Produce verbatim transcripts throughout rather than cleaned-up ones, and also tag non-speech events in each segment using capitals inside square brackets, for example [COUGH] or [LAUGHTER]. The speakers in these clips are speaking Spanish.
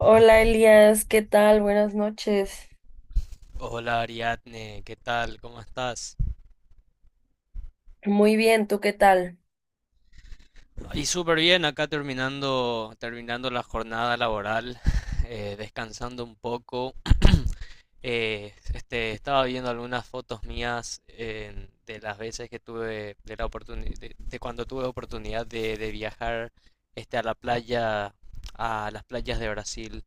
Hola Elías, ¿qué tal? Buenas noches. Hola Ariadne, ¿qué tal? ¿Cómo estás? Muy bien, ¿tú qué tal? Y súper bien, acá terminando, terminando la jornada laboral, [LAUGHS] eh, descansando un poco. Eh, este, estaba viendo algunas fotos mías en- de las veces que tuve, de la oportunidad, de, de cuando tuve oportunidad de, de viajar este, a la playa, a las playas de Brasil.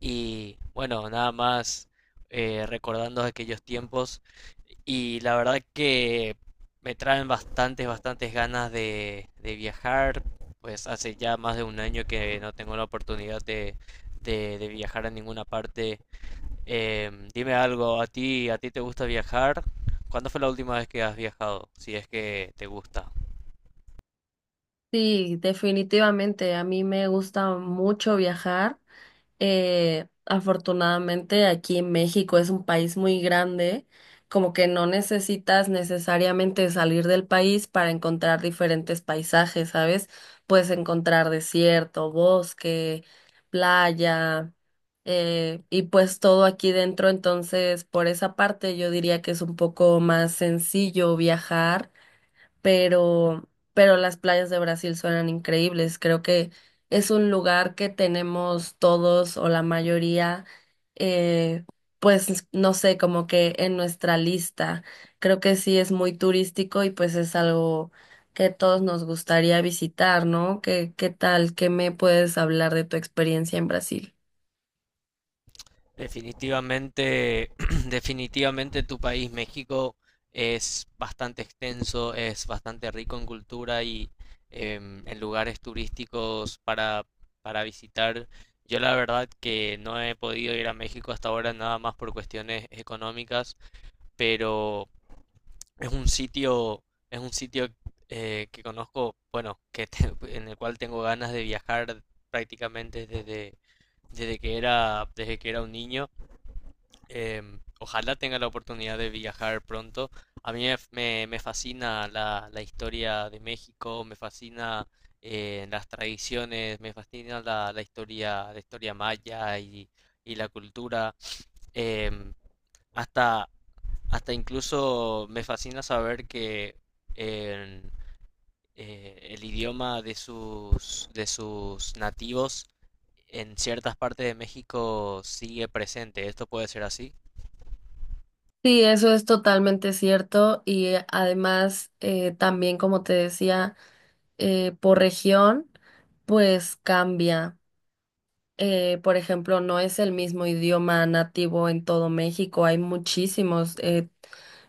Y bueno, nada más eh, recordando aquellos tiempos. Y la verdad que me traen bastantes, bastantes ganas de, de viajar. Pues hace ya más de un año que no tengo la oportunidad de, de, de viajar a ninguna parte. Em, dime algo, ¿a ti, ¿a ti te gusta viajar? ¿Cuándo fue la última vez que has viajado? Si es que te gusta. Sí, definitivamente. A mí me gusta mucho viajar. Eh, afortunadamente aquí en México es un país muy grande, como que no necesitas necesariamente salir del país para encontrar diferentes paisajes, ¿sabes? Puedes encontrar desierto, bosque, playa, eh, y pues todo aquí dentro, entonces por esa parte yo diría que es un poco más sencillo viajar pero, pero las playas de Brasil suenan increíbles. Creo que es un lugar que tenemos todos o la mayoría, eh, pues no sé, como que en nuestra lista. Creo que sí es muy turístico y pues es algo que todos nos gustaría visitar, ¿no? ¿Qué, qué tal? ¿Qué me puedes hablar de tu experiencia en Brasil? Definitivamente, [CLEARS THROAT] definitivamente tu país, México, es bastante extenso, es bastante rico en cultura y em, en lugares turísticos para, para visitar. Yo la verdad que no he podido ir a México hasta ahora nada más por cuestiones económicas, pero es un sitio, es un sitio eh, que conozco, bueno, que te- [LAUGHS] en el cual tengo ganas de viajar prácticamente desde, desde que era, desde que era un niño. Em, ojalá tenga la oportunidad de viajar pronto. A mí me, me- me fascina la, la historia de México, me fascina eh, las tradiciones, me fascina la, la historia, la historia maya y, y la cultura. Em, hasta, hasta incluso me fascina saber que en, eh, el idioma de sus, de sus nativos en ciertas partes de México sigue presente. ¿Esto puede ser así? Sí, eso es totalmente cierto y eh, además eh, también como te decía eh, por región, pues cambia. Eh, por ejemplo, no es el mismo idioma nativo en todo México, hay muchísimos, eh,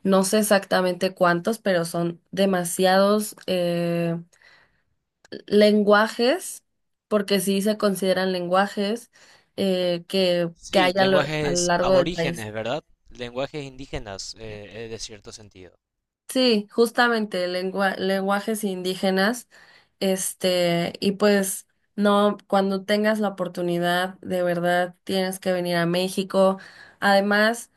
no sé exactamente cuántos, pero son demasiados eh, lenguajes, porque sí se consideran lenguajes eh, que, que hay Sí, a lo, a lo lenguajes largo del país. aborígenes, ¿verdad? Lenguajes indígenas, eh, eh, de cierto sentido. Sí, justamente lengua- lenguajes indígenas, este, y pues no, cuando tengas la oportunidad, de verdad tienes que venir a México. Además,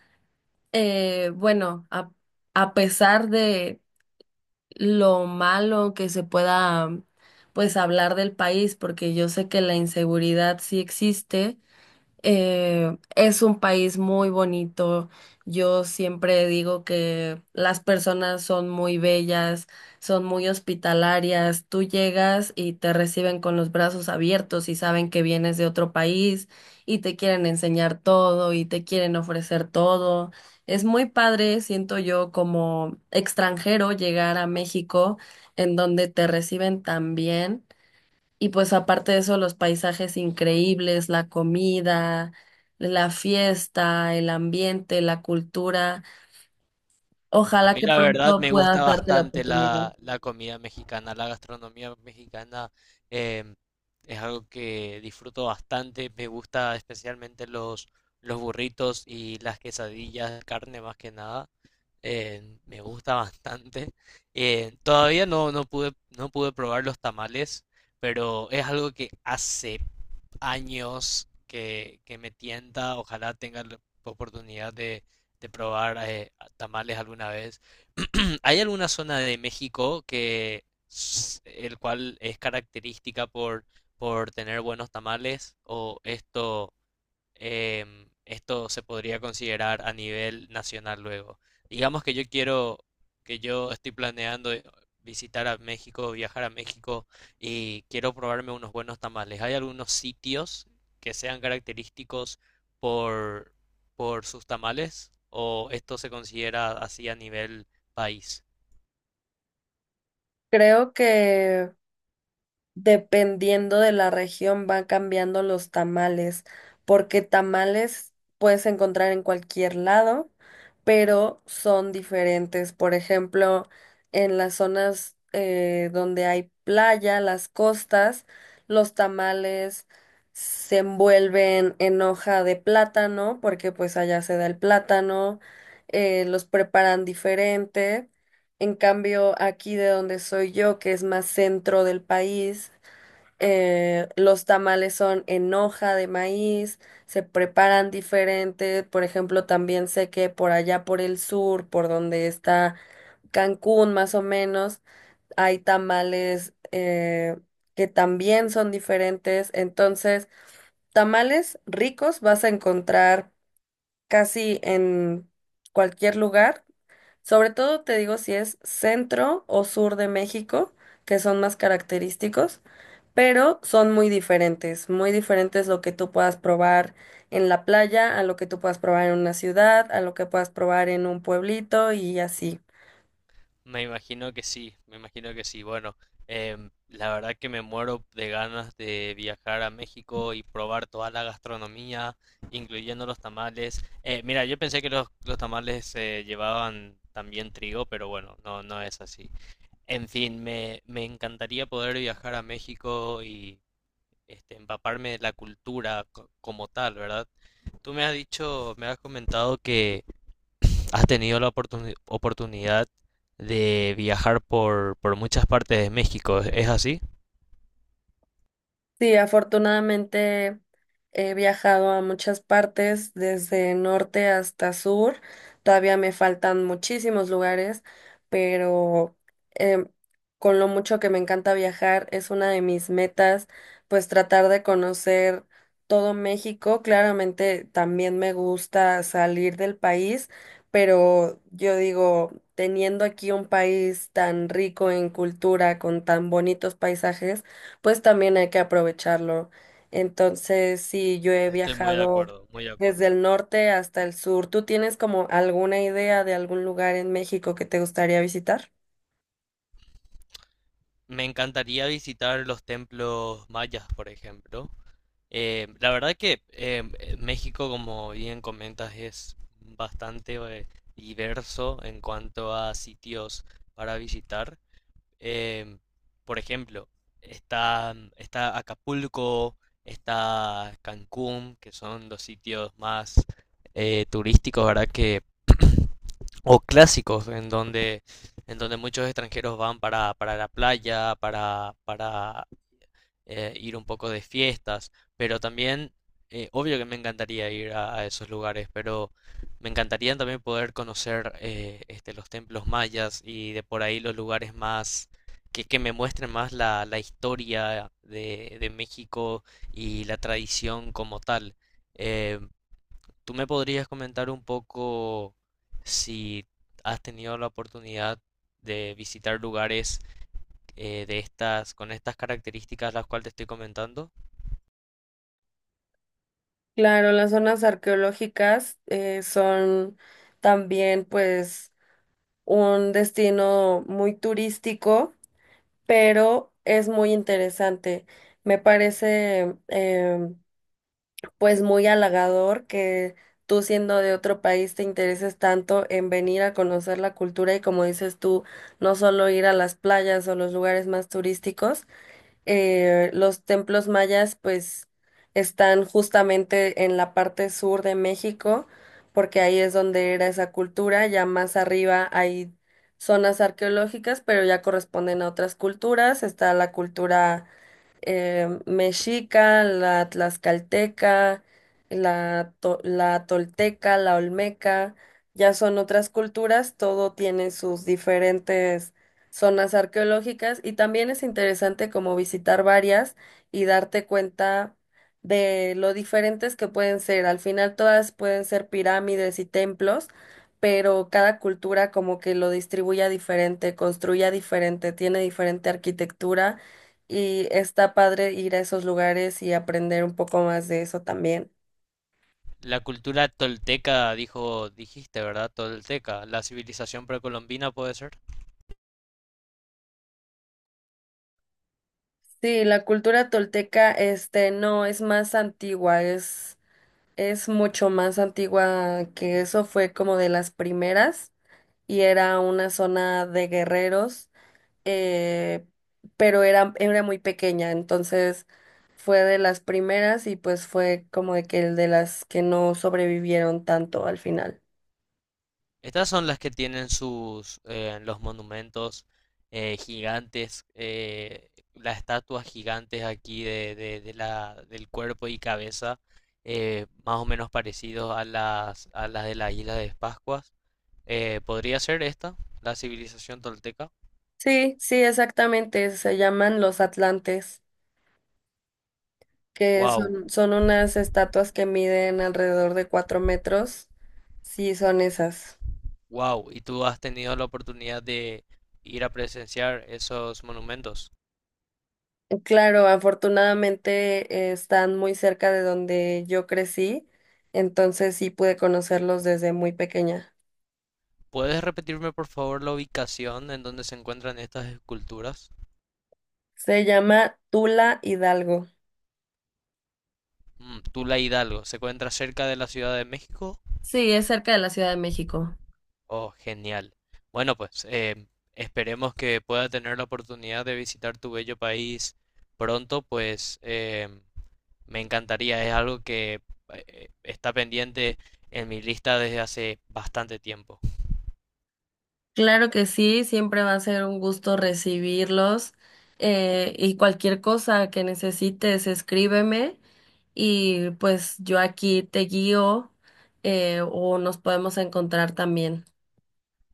eh, bueno, a, a pesar de lo malo que se pueda, pues, hablar del país, porque yo sé que la inseguridad sí existe, eh, es un país muy bonito. Yo siempre digo que las personas son muy bellas, son muy hospitalarias. Tú llegas y te reciben con los brazos abiertos y saben que vienes de otro país y te quieren enseñar todo y te quieren ofrecer todo. Es muy padre, siento yo, como extranjero llegar a México en donde te reciben tan bien. Y pues aparte de eso, los paisajes increíbles, la comida, la fiesta, el ambiente, la cultura. A Ojalá mí que la verdad pronto me puedas gusta darte la bastante oportunidad. la, la comida mexicana, la gastronomía mexicana, em, es algo que disfruto bastante, me gusta especialmente los, los burritos y las quesadillas, de carne más que nada. em, me gusta bastante. Eh, todavía no, no pude, no pude probar los tamales, pero es algo que hace años que, que me tienta. Ojalá tenga la oportunidad de, de probar eh, tamales alguna vez. [CLEARS THROAT] Hay alguna zona de México que s- el cual es característica por, por tener buenos tamales, o esto, em, esto se podría considerar a nivel nacional luego. Digamos que yo quiero, que yo estoy planeando eh, visitar a México, viajar a México y quiero probarme unos buenos tamales. ¿Hay algunos sitios que sean característicos por, por sus tamales? ¿O esto se considera así a nivel país? Creo que dependiendo de la región van cambiando los tamales, porque tamales puedes encontrar en cualquier lado, pero son diferentes. Por ejemplo, en las zonas eh, donde hay playa, las costas, los tamales se envuelven en hoja de plátano, porque pues allá se da el plátano. Eh, los preparan diferente. En cambio, aquí de donde soy yo, que es más centro del país, eh, los tamales son en hoja de maíz, se preparan diferente. Por ejemplo, también sé que por allá por el sur, por donde está Cancún más o menos, hay tamales eh, que también son diferentes. Entonces, tamales ricos vas a encontrar casi en cualquier lugar. Sobre todo te digo si es centro o sur de México, que son más característicos, pero son muy diferentes, muy diferentes lo que tú puedas probar en la playa, a lo que tú puedas probar en una ciudad, a lo que puedas probar en un pueblito y así. Me imagino que sí, me imagino que sí. Bueno, em, la verdad que me muero de ganas de viajar a México y probar toda la gastronomía, incluyendo los tamales. Eh, mira, yo pensé que los, los tamales eh, llevaban también trigo, pero bueno, no, no es así. En fin, me, me encantaría poder viajar a México y este, empaparme de la cultura co- como tal, ¿verdad? Tú me has dicho, me has comentado que ¿has tenido la oportuni- oportunidad de viajar por, por muchas partes de México? ¿Es así? Sí, afortunadamente he viajado a muchas partes, desde norte hasta sur. Todavía me faltan muchísimos lugares, pero em, con lo mucho que me encanta viajar, es una de mis metas, pues tratar de conocer todo México. Claramente también me gusta salir del país, pero yo digo, teniendo aquí un país tan rico en cultura, con tan bonitos paisajes, pues también hay que aprovecharlo. Entonces, sí, yo he Estoy muy de viajado acuerdo, muy de desde acuerdo. el norte hasta el sur. ¿Tú tienes como alguna idea de algún lugar en México que te gustaría visitar? Me encantaría visitar los templos mayas, por ejemplo. Eh, la verdad que eh, México, como bien comentas, es bastante eh, diverso en cuanto a sitios para visitar. Em, por ejemplo, está, mm, está Acapulco, está Cancún, que son los sitios más eh, turísticos, ¿verdad? Que, [CLEARS THROAT] o clásicos, en donde, en donde muchos extranjeros van para, para la playa, para, para eh, ir un poco de fiestas, pero también, eh, obvio que me encantaría ir a, a esos lugares, pero me encantaría también poder conocer eh, este, los templos mayas y de por ahí los lugares más... Que, que me muestren más la, la historia de, de México y la tradición como tal. Eh, ¿tú me podrías comentar un poco si has tenido la oportunidad de visitar lugares eh, de estas, con estas características las cuales te estoy comentando? Claro, las zonas arqueológicas eh, son también pues un destino muy turístico, pero es muy interesante. Me parece em, pues muy halagador que tú siendo de otro país te intereses tanto en venir a conocer la cultura y como dices tú, no solo ir a las playas o los lugares más turísticos. Eh, los templos mayas pues están justamente en la parte sur de México, porque ahí es donde era esa cultura. Ya más arriba hay zonas arqueológicas, pero ya corresponden a otras culturas. Está la cultura eh, mexica, la tlaxcalteca, la, to- la tolteca, la olmeca. Ya son otras culturas, todo tiene sus diferentes zonas arqueológicas y también es interesante como visitar varias y darte cuenta de lo diferentes que pueden ser. Al final todas pueden ser pirámides y templos, pero cada cultura como que lo distribuya diferente, construya diferente, tiene diferente arquitectura y está padre ir a esos lugares y aprender un poco más de eso también. La cultura tolteca, dijo, dijiste, ¿verdad? Tolteca, la civilización precolombina puede ser. Sí, la cultura tolteca, este, no, es más antigua, es, es mucho más antigua que eso, fue como de las primeras y era una zona de guerreros, eh, pero era, era muy pequeña, entonces fue de las primeras y pues fue como de que el de las que no sobrevivieron tanto al final. Estas son las que tienen sus eh, los monumentos eh, gigantes, eh, las estatuas gigantes aquí de, de- de la, del cuerpo y cabeza, eh, más o menos parecidos a las, a las de la isla de Pascuas. Eh, ¿podría ser esta, la civilización tolteca? Sí, sí, exactamente, se llaman los Atlantes, que Wow, son, son unas estatuas que miden alrededor de cuatro metros. Sí, son esas. wow. ¿Y tú has tenido la oportunidad de ir a presenciar esos monumentos? Claro, afortunadamente eh, están muy cerca de donde yo crecí, entonces sí pude conocerlos desde muy pequeña. ¿Puedes repetirme por favor la ubicación en donde se encuentran estas esculturas? Se llama Tula Hidalgo. Mm, Tula Hidalgo, ¿se encuentra cerca de la Ciudad de México? Sí, es cerca de la Ciudad de México. Oh, genial. Bueno, pues eh, esperemos que pueda tener la oportunidad de visitar tu bello país pronto, pues eh, me encantaría, es algo que eh, está pendiente en mi lista desde hace bastante tiempo. Claro que sí, siempre va a ser un gusto recibirlos eh, y cualquier cosa que necesites, escríbeme y pues yo aquí te guío, eh, o nos podemos encontrar también.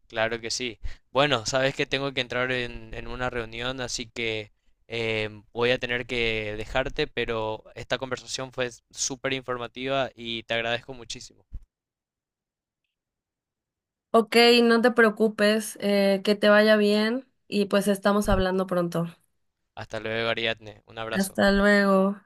Claro que sí. Bueno, sabes que tengo que entrar en, en una reunión, así que em, voy a tener que dejarte, pero esta conversación fue súper informativa y te agradezco muchísimo. Ok, no te preocupes, eh, que te vaya bien y pues estamos hablando pronto. Hasta luego, Ariadne. Un abrazo. Hasta luego.